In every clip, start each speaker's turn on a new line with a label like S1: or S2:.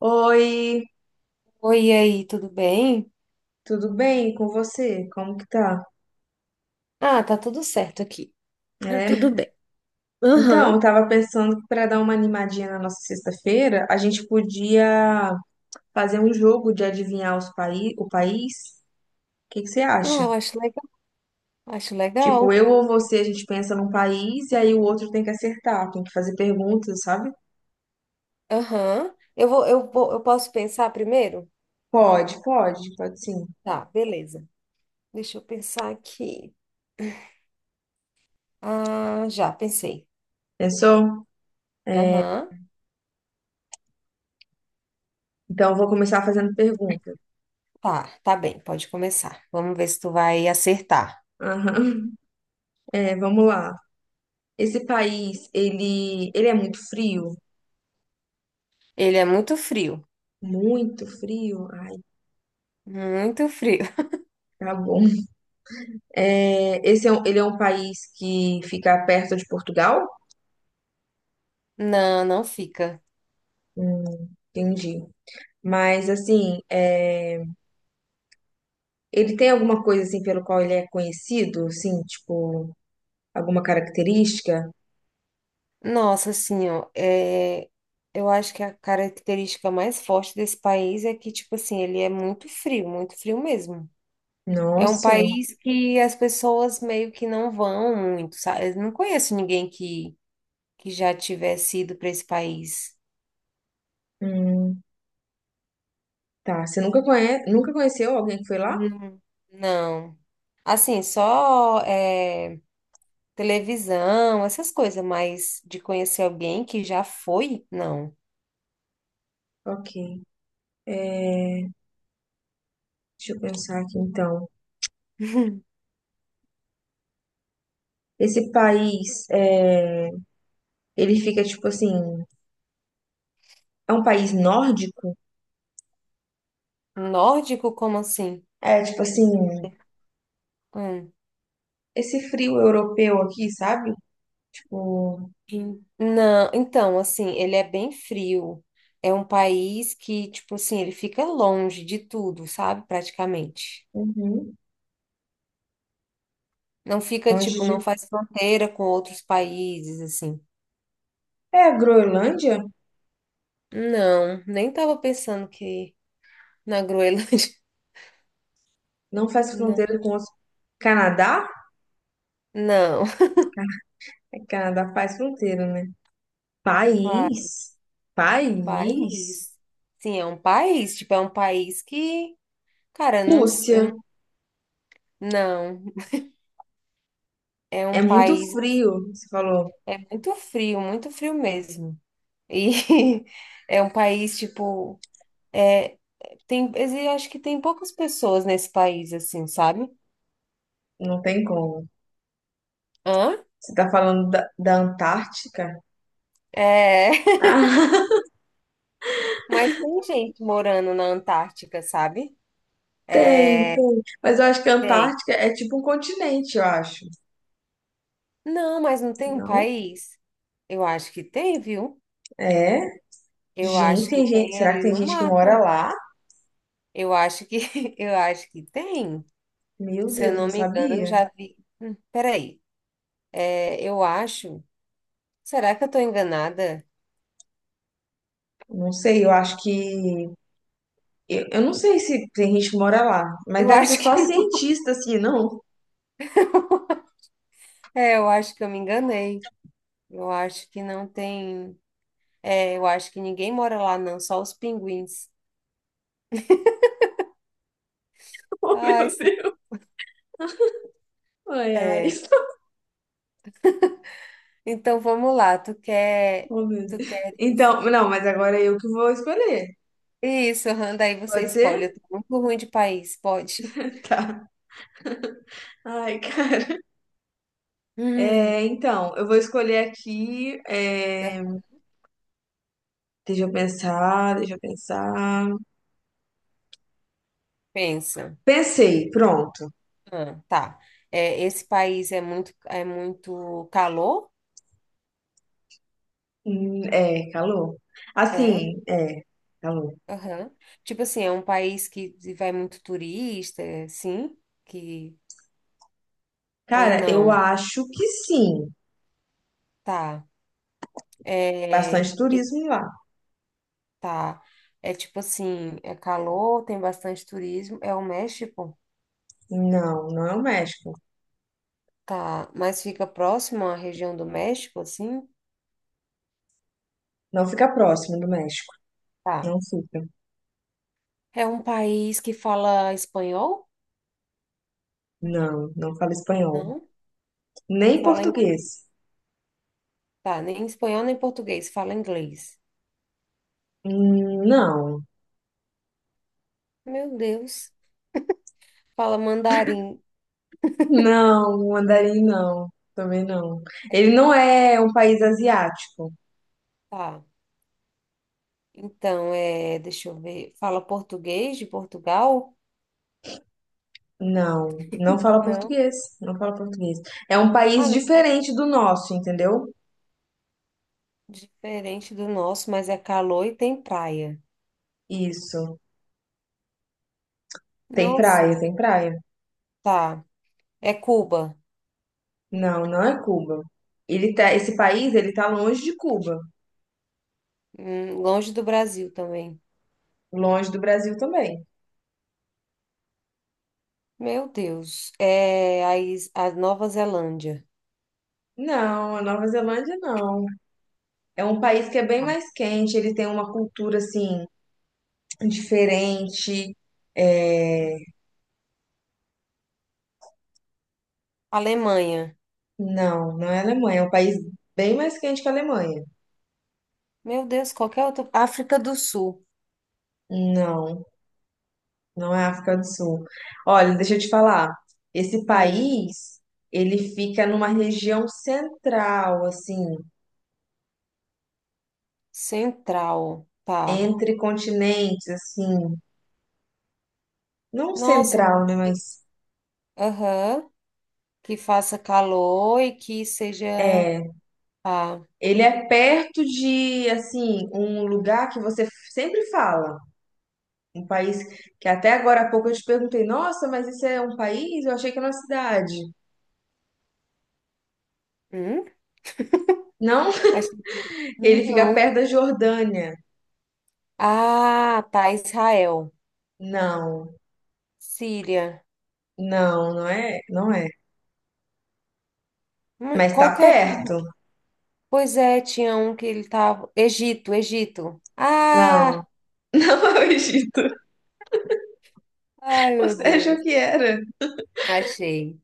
S1: Oi,
S2: Oi, e aí, tudo bem?
S1: tudo bem com você? Como que tá?
S2: Ah, tá tudo certo aqui. Tá
S1: É.
S2: tudo bem.
S1: Então, eu
S2: Aham.
S1: tava pensando que para dar uma animadinha na nossa sexta-feira, a gente podia fazer um jogo de adivinhar os paí o país. O que que você
S2: Ah,
S1: acha?
S2: eu acho legal. Acho
S1: Tipo,
S2: legal.
S1: eu ou você, a gente pensa num país e aí o outro tem que acertar, tem que fazer perguntas, sabe?
S2: Aham. Eu posso pensar primeiro?
S1: Pode, pode, pode sim.
S2: Tá, beleza. Deixa eu pensar aqui. Ah, já pensei.
S1: Pensou?
S2: Aham.
S1: Então, eu vou começar fazendo pergunta.
S2: Tá bem, pode começar. Vamos ver se tu vai acertar.
S1: Aham. É, vamos lá. Esse país, ele é muito frio?
S2: Ele é muito frio.
S1: Muito frio? Ai.
S2: Muito frio.
S1: Tá bom. É, ele é um país que fica perto de Portugal?
S2: Não, não fica.
S1: Entendi. Mas assim, ele tem alguma coisa assim pelo qual ele é conhecido? Assim, tipo, alguma característica?
S2: Nossa, assim, ó, eu acho que a característica mais forte desse país é que, tipo assim, ele é muito frio mesmo. É um
S1: Nossa.
S2: país que as pessoas meio que não vão muito, sabe? Eu não conheço ninguém que já tivesse ido para esse país.
S1: Hum, tá. Você nunca conheceu alguém que foi lá?
S2: Não. Não. Assim, só televisão, essas coisas, mas de conhecer alguém que já foi, não.
S1: Ok. É, deixa eu pensar aqui então. Esse país, ele fica tipo assim, é um país nórdico?
S2: Nórdico, como assim?
S1: É tipo assim,
S2: Hum.
S1: esse frio europeu aqui, sabe? Tipo,
S2: Não, então, assim, ele é bem frio. É um país que, tipo assim, ele fica longe de tudo, sabe? Praticamente.
S1: uhum,
S2: Não fica,
S1: longe
S2: tipo, não
S1: de.
S2: faz fronteira com outros países, assim.
S1: É, a Groenlândia
S2: Não, nem tava pensando que na Groenlândia.
S1: não faz
S2: Não,
S1: fronteira com os. Canadá?
S2: não.
S1: É, Canadá faz fronteira, né?
S2: Pa-
S1: País. País.
S2: País. Sim, é um país, tipo, é um país que, cara, não,
S1: Rússia.
S2: não, é um
S1: É muito
S2: país,
S1: frio, você falou.
S2: é muito frio mesmo. E é um país, tipo, É, tem, acho que tem poucas pessoas nesse país, assim, sabe?
S1: Não tem como.
S2: Hã?
S1: Você tá falando da Antártica?
S2: É,
S1: Ah,
S2: mas tem gente morando na Antártica, sabe?
S1: tem,
S2: É,
S1: tem. Mas eu acho que a
S2: tem.
S1: Antártica é tipo um continente, eu acho.
S2: Não, mas não tem um
S1: Não?
S2: país? Eu acho que tem, viu?
S1: É.
S2: Eu
S1: Gente,
S2: acho que
S1: tem gente.
S2: tem
S1: Será que
S2: ali
S1: tem
S2: no
S1: gente que mora
S2: mapa.
S1: lá?
S2: Eu acho que, eu acho que tem.
S1: Meu
S2: Se eu
S1: Deus, não
S2: não me engano, eu
S1: sabia.
S2: já vi. Peraí, eu acho. Será que eu estou enganada?
S1: Não sei, eu acho que eu não sei se tem gente que mora lá, mas
S2: Eu
S1: deve ser
S2: acho que
S1: só
S2: não.
S1: cientista, assim, não?
S2: É, eu acho que eu me enganei. Eu acho que não tem. É, eu acho que ninguém mora lá, não, só os pinguins.
S1: Oh,
S2: Ai,
S1: meu Deus. Ai, ai.
S2: é. Então vamos lá,
S1: Oh, meu Deus.
S2: tu queres.
S1: Então, não, mas agora é eu que vou escolher.
S2: Isso, aham, daí você
S1: Pode
S2: escolhe. Eu
S1: ser?
S2: tô muito ruim de país, pode?
S1: Tá. Ai, cara.
S2: Hum,
S1: É, então, eu vou escolher aqui.
S2: eu-
S1: Deixa eu pensar, deixa eu pensar.
S2: Pensa.
S1: Pensei, pronto.
S2: Ah, tá. É, esse país é muito calor?
S1: É, calor.
S2: É.
S1: Assim, é, calor.
S2: Aham. Tipo assim, é um país que vai muito turista, é, sim? Que ou
S1: Cara, eu
S2: não?
S1: acho que sim.
S2: Tá. É,
S1: Bastante turismo lá.
S2: Tá. É tipo assim, é calor, tem bastante turismo. É o México?
S1: Não, não é o México.
S2: Tá. Mas fica próximo à região do México, assim?
S1: Não fica próximo do México.
S2: Tá.
S1: Não fica.
S2: É um país que fala espanhol?
S1: Não, não fala espanhol.
S2: Não.
S1: Nem
S2: Fala em...
S1: português.
S2: Tá, nem espanhol nem português, fala inglês.
S1: Não,
S2: Meu Deus. Fala mandarim.
S1: não, mandarim não. Também não. Ele não é um país asiático.
S2: Tá. Então, deixa eu ver. Fala português de Portugal?
S1: Não, não fala
S2: Não.
S1: português. Não fala português. É um
S2: Ah,
S1: país
S2: não.
S1: diferente do nosso, entendeu?
S2: Diferente do nosso, mas é calor e tem praia.
S1: Isso. Tem praia,
S2: Nossa.
S1: tem praia.
S2: Tá. É Cuba.
S1: Não, não é Cuba. Esse país, ele tá longe de Cuba,
S2: Longe do Brasil também.
S1: longe do Brasil também.
S2: Meu Deus. É a Nova Zelândia.
S1: Não, a Nova Zelândia não. É um país que é bem mais quente, ele tem uma cultura assim diferente. É,
S2: Alemanha.
S1: Não, não é Alemanha, é um país bem mais quente que a Alemanha.
S2: Meu Deus, qualquer outro. África do Sul.
S1: Não, não é África do Sul. Olha, deixa eu te falar. Esse
S2: Hum.
S1: país, ele fica numa região central, assim,
S2: Central. Tá.
S1: entre continentes, assim, não
S2: Nossa, mas
S1: central, né,
S2: que-
S1: mas
S2: Aham. Que faça calor e que seja.
S1: é,
S2: Ah,
S1: ele é perto de, assim, um lugar que você sempre fala. Um país que até agora há pouco eu te perguntei, nossa, mas isso é um país? Eu achei que era uma cidade.
S2: hum?
S1: Não,
S2: Acho que
S1: ele fica
S2: não.
S1: perto da Jordânia.
S2: Ah, tá. Israel.
S1: Não,
S2: Síria.
S1: não, não é. Mas tá
S2: Qualquer.
S1: perto?
S2: Pois é, tinha um que ele tava. Egito, Egito.
S1: Não,
S2: Ah!
S1: não é o Egito.
S2: Ai, meu
S1: Você achou
S2: Deus.
S1: que era?
S2: Achei.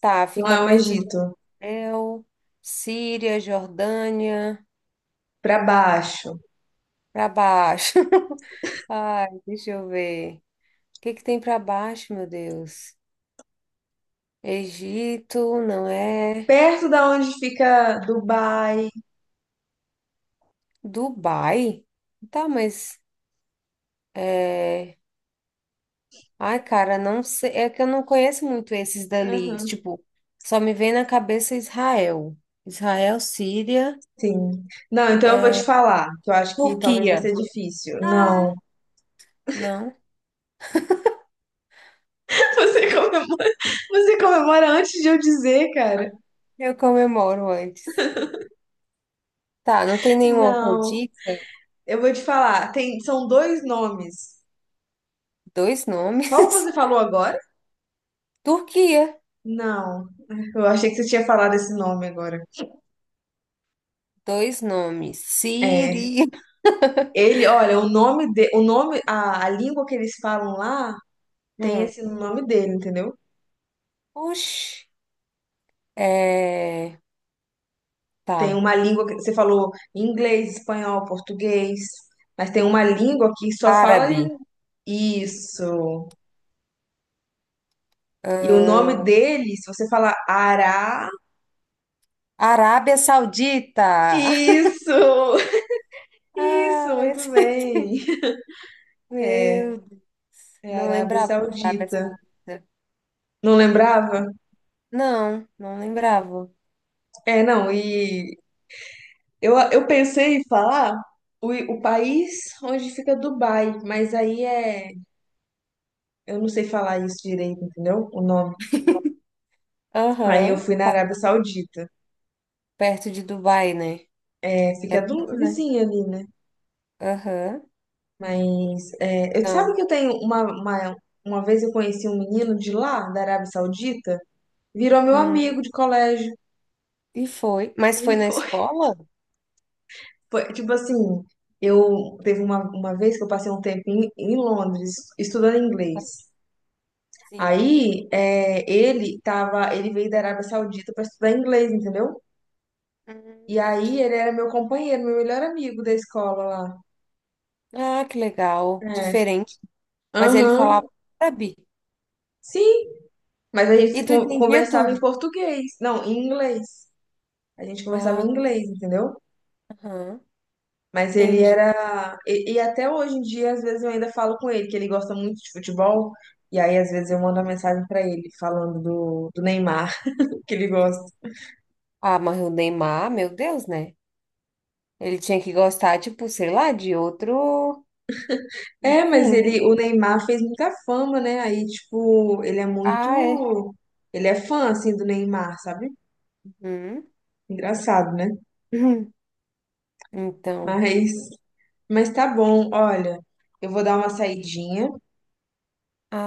S2: Tá,
S1: Não
S2: fica
S1: é o
S2: perto de
S1: Egito.
S2: Israel, Síria, Jordânia,
S1: Pra baixo.
S2: para baixo. Ai, deixa eu ver. O que que tem para baixo, meu Deus? Egito, não é?
S1: Perto da onde fica Dubai.
S2: Dubai? Tá, mas é... Ai, cara, não sei. É que eu não conheço muito esses dali.
S1: Aham,
S2: Tipo, só me vem na cabeça Israel. Israel, Síria.
S1: sim. Não, então eu vou te falar, que eu acho que talvez vai
S2: Turquia.
S1: ser difícil.
S2: Ah,
S1: Não.
S2: não.
S1: Você comemora, você comemora antes de eu dizer, cara.
S2: Eu comemoro antes. Tá, não tem nenhuma outra
S1: Não,
S2: dica?
S1: eu vou te falar. Tem, são dois nomes.
S2: Dois nomes.
S1: Qual que você falou agora?
S2: Turquia,
S1: Não, eu achei que você tinha falado esse nome agora.
S2: dois nomes.
S1: É,
S2: Síria.
S1: ele, olha, o nome, a língua que eles falam lá tem
S2: Hum.
S1: esse nome dele, entendeu?
S2: Oxi. É,
S1: Tem
S2: tá.
S1: uma língua que você falou inglês, espanhol, português, mas tem uma língua que só fala
S2: Árabe.
S1: isso. E o nome dele, se você falar Ará,
S2: Arábia Saudita.
S1: isso, isso,
S2: Ah, esse...
S1: muito
S2: é
S1: bem. É,
S2: Meu Deus,
S1: é
S2: não
S1: Arábia
S2: lembrava da Arábia
S1: Saudita.
S2: Saudita.
S1: Não lembrava?
S2: Não, não lembrava.
S1: É, não, e eu pensei em falar o país onde fica Dubai, mas aí é. Eu não sei falar isso direito, entendeu? O nome. Aí eu
S2: Aham.
S1: fui na Arábia Saudita.
S2: Perto de Dubai, né?
S1: É,
S2: É
S1: fica
S2: perto,
S1: do,
S2: né?
S1: vizinho ali, né?
S2: Aham.
S1: Mas é, eu sabe
S2: Então,
S1: que eu tenho uma vez eu conheci um menino de lá, da Arábia Saudita, virou meu
S2: hum.
S1: amigo de colégio.
S2: E foi. Mas foi na escola?
S1: Foi, tipo assim, uma vez que eu passei um tempo em Londres estudando inglês.
S2: Sim.
S1: Aí é, ele veio da Arábia Saudita para estudar inglês, entendeu? E aí
S2: Entendi.
S1: ele era meu companheiro, meu melhor amigo da escola lá.
S2: Ah, que legal.
S1: É.
S2: Diferente. Mas ele
S1: Aham.
S2: falava árabe.
S1: Sim, mas a gente
S2: E
S1: se
S2: tu
S1: con-
S2: entendia
S1: conversava
S2: tudo.
S1: em português. Não, em inglês. A gente conversava em
S2: Ah,
S1: inglês, entendeu?
S2: aham.
S1: Mas ele
S2: Entendi.
S1: era. E até hoje em dia, às vezes eu ainda falo com ele, que ele gosta muito de futebol. E aí, às vezes, eu mando uma mensagem pra ele falando do Neymar, que ele gosta.
S2: Ah, mas o Neymar, meu Deus, né? Ele tinha que gostar, tipo, sei lá, de outro.
S1: É, mas
S2: Enfim.
S1: ele, o Neymar fez muita fama, né? Aí, tipo, ele é
S2: Ah, é.
S1: muito. Ele é fã, assim, do Neymar, sabe?
S2: Uhum.
S1: Engraçado, né?
S2: Uhum. Então.
S1: Mas, mas tá bom, olha, eu vou dar uma saidinha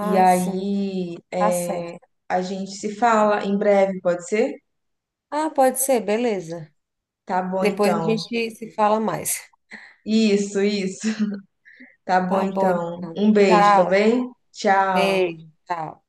S1: e
S2: sim.
S1: aí
S2: Tá
S1: é,
S2: certo.
S1: a gente se fala em breve, pode ser?
S2: Ah, pode ser, beleza.
S1: Tá bom,
S2: Depois a
S1: então.
S2: gente se fala mais.
S1: Isso, isso. Tá bom
S2: Tá bom,
S1: então.
S2: então.
S1: Um beijo, tá
S2: Tchau.
S1: bem? Tchau.
S2: Beijo. Tchau.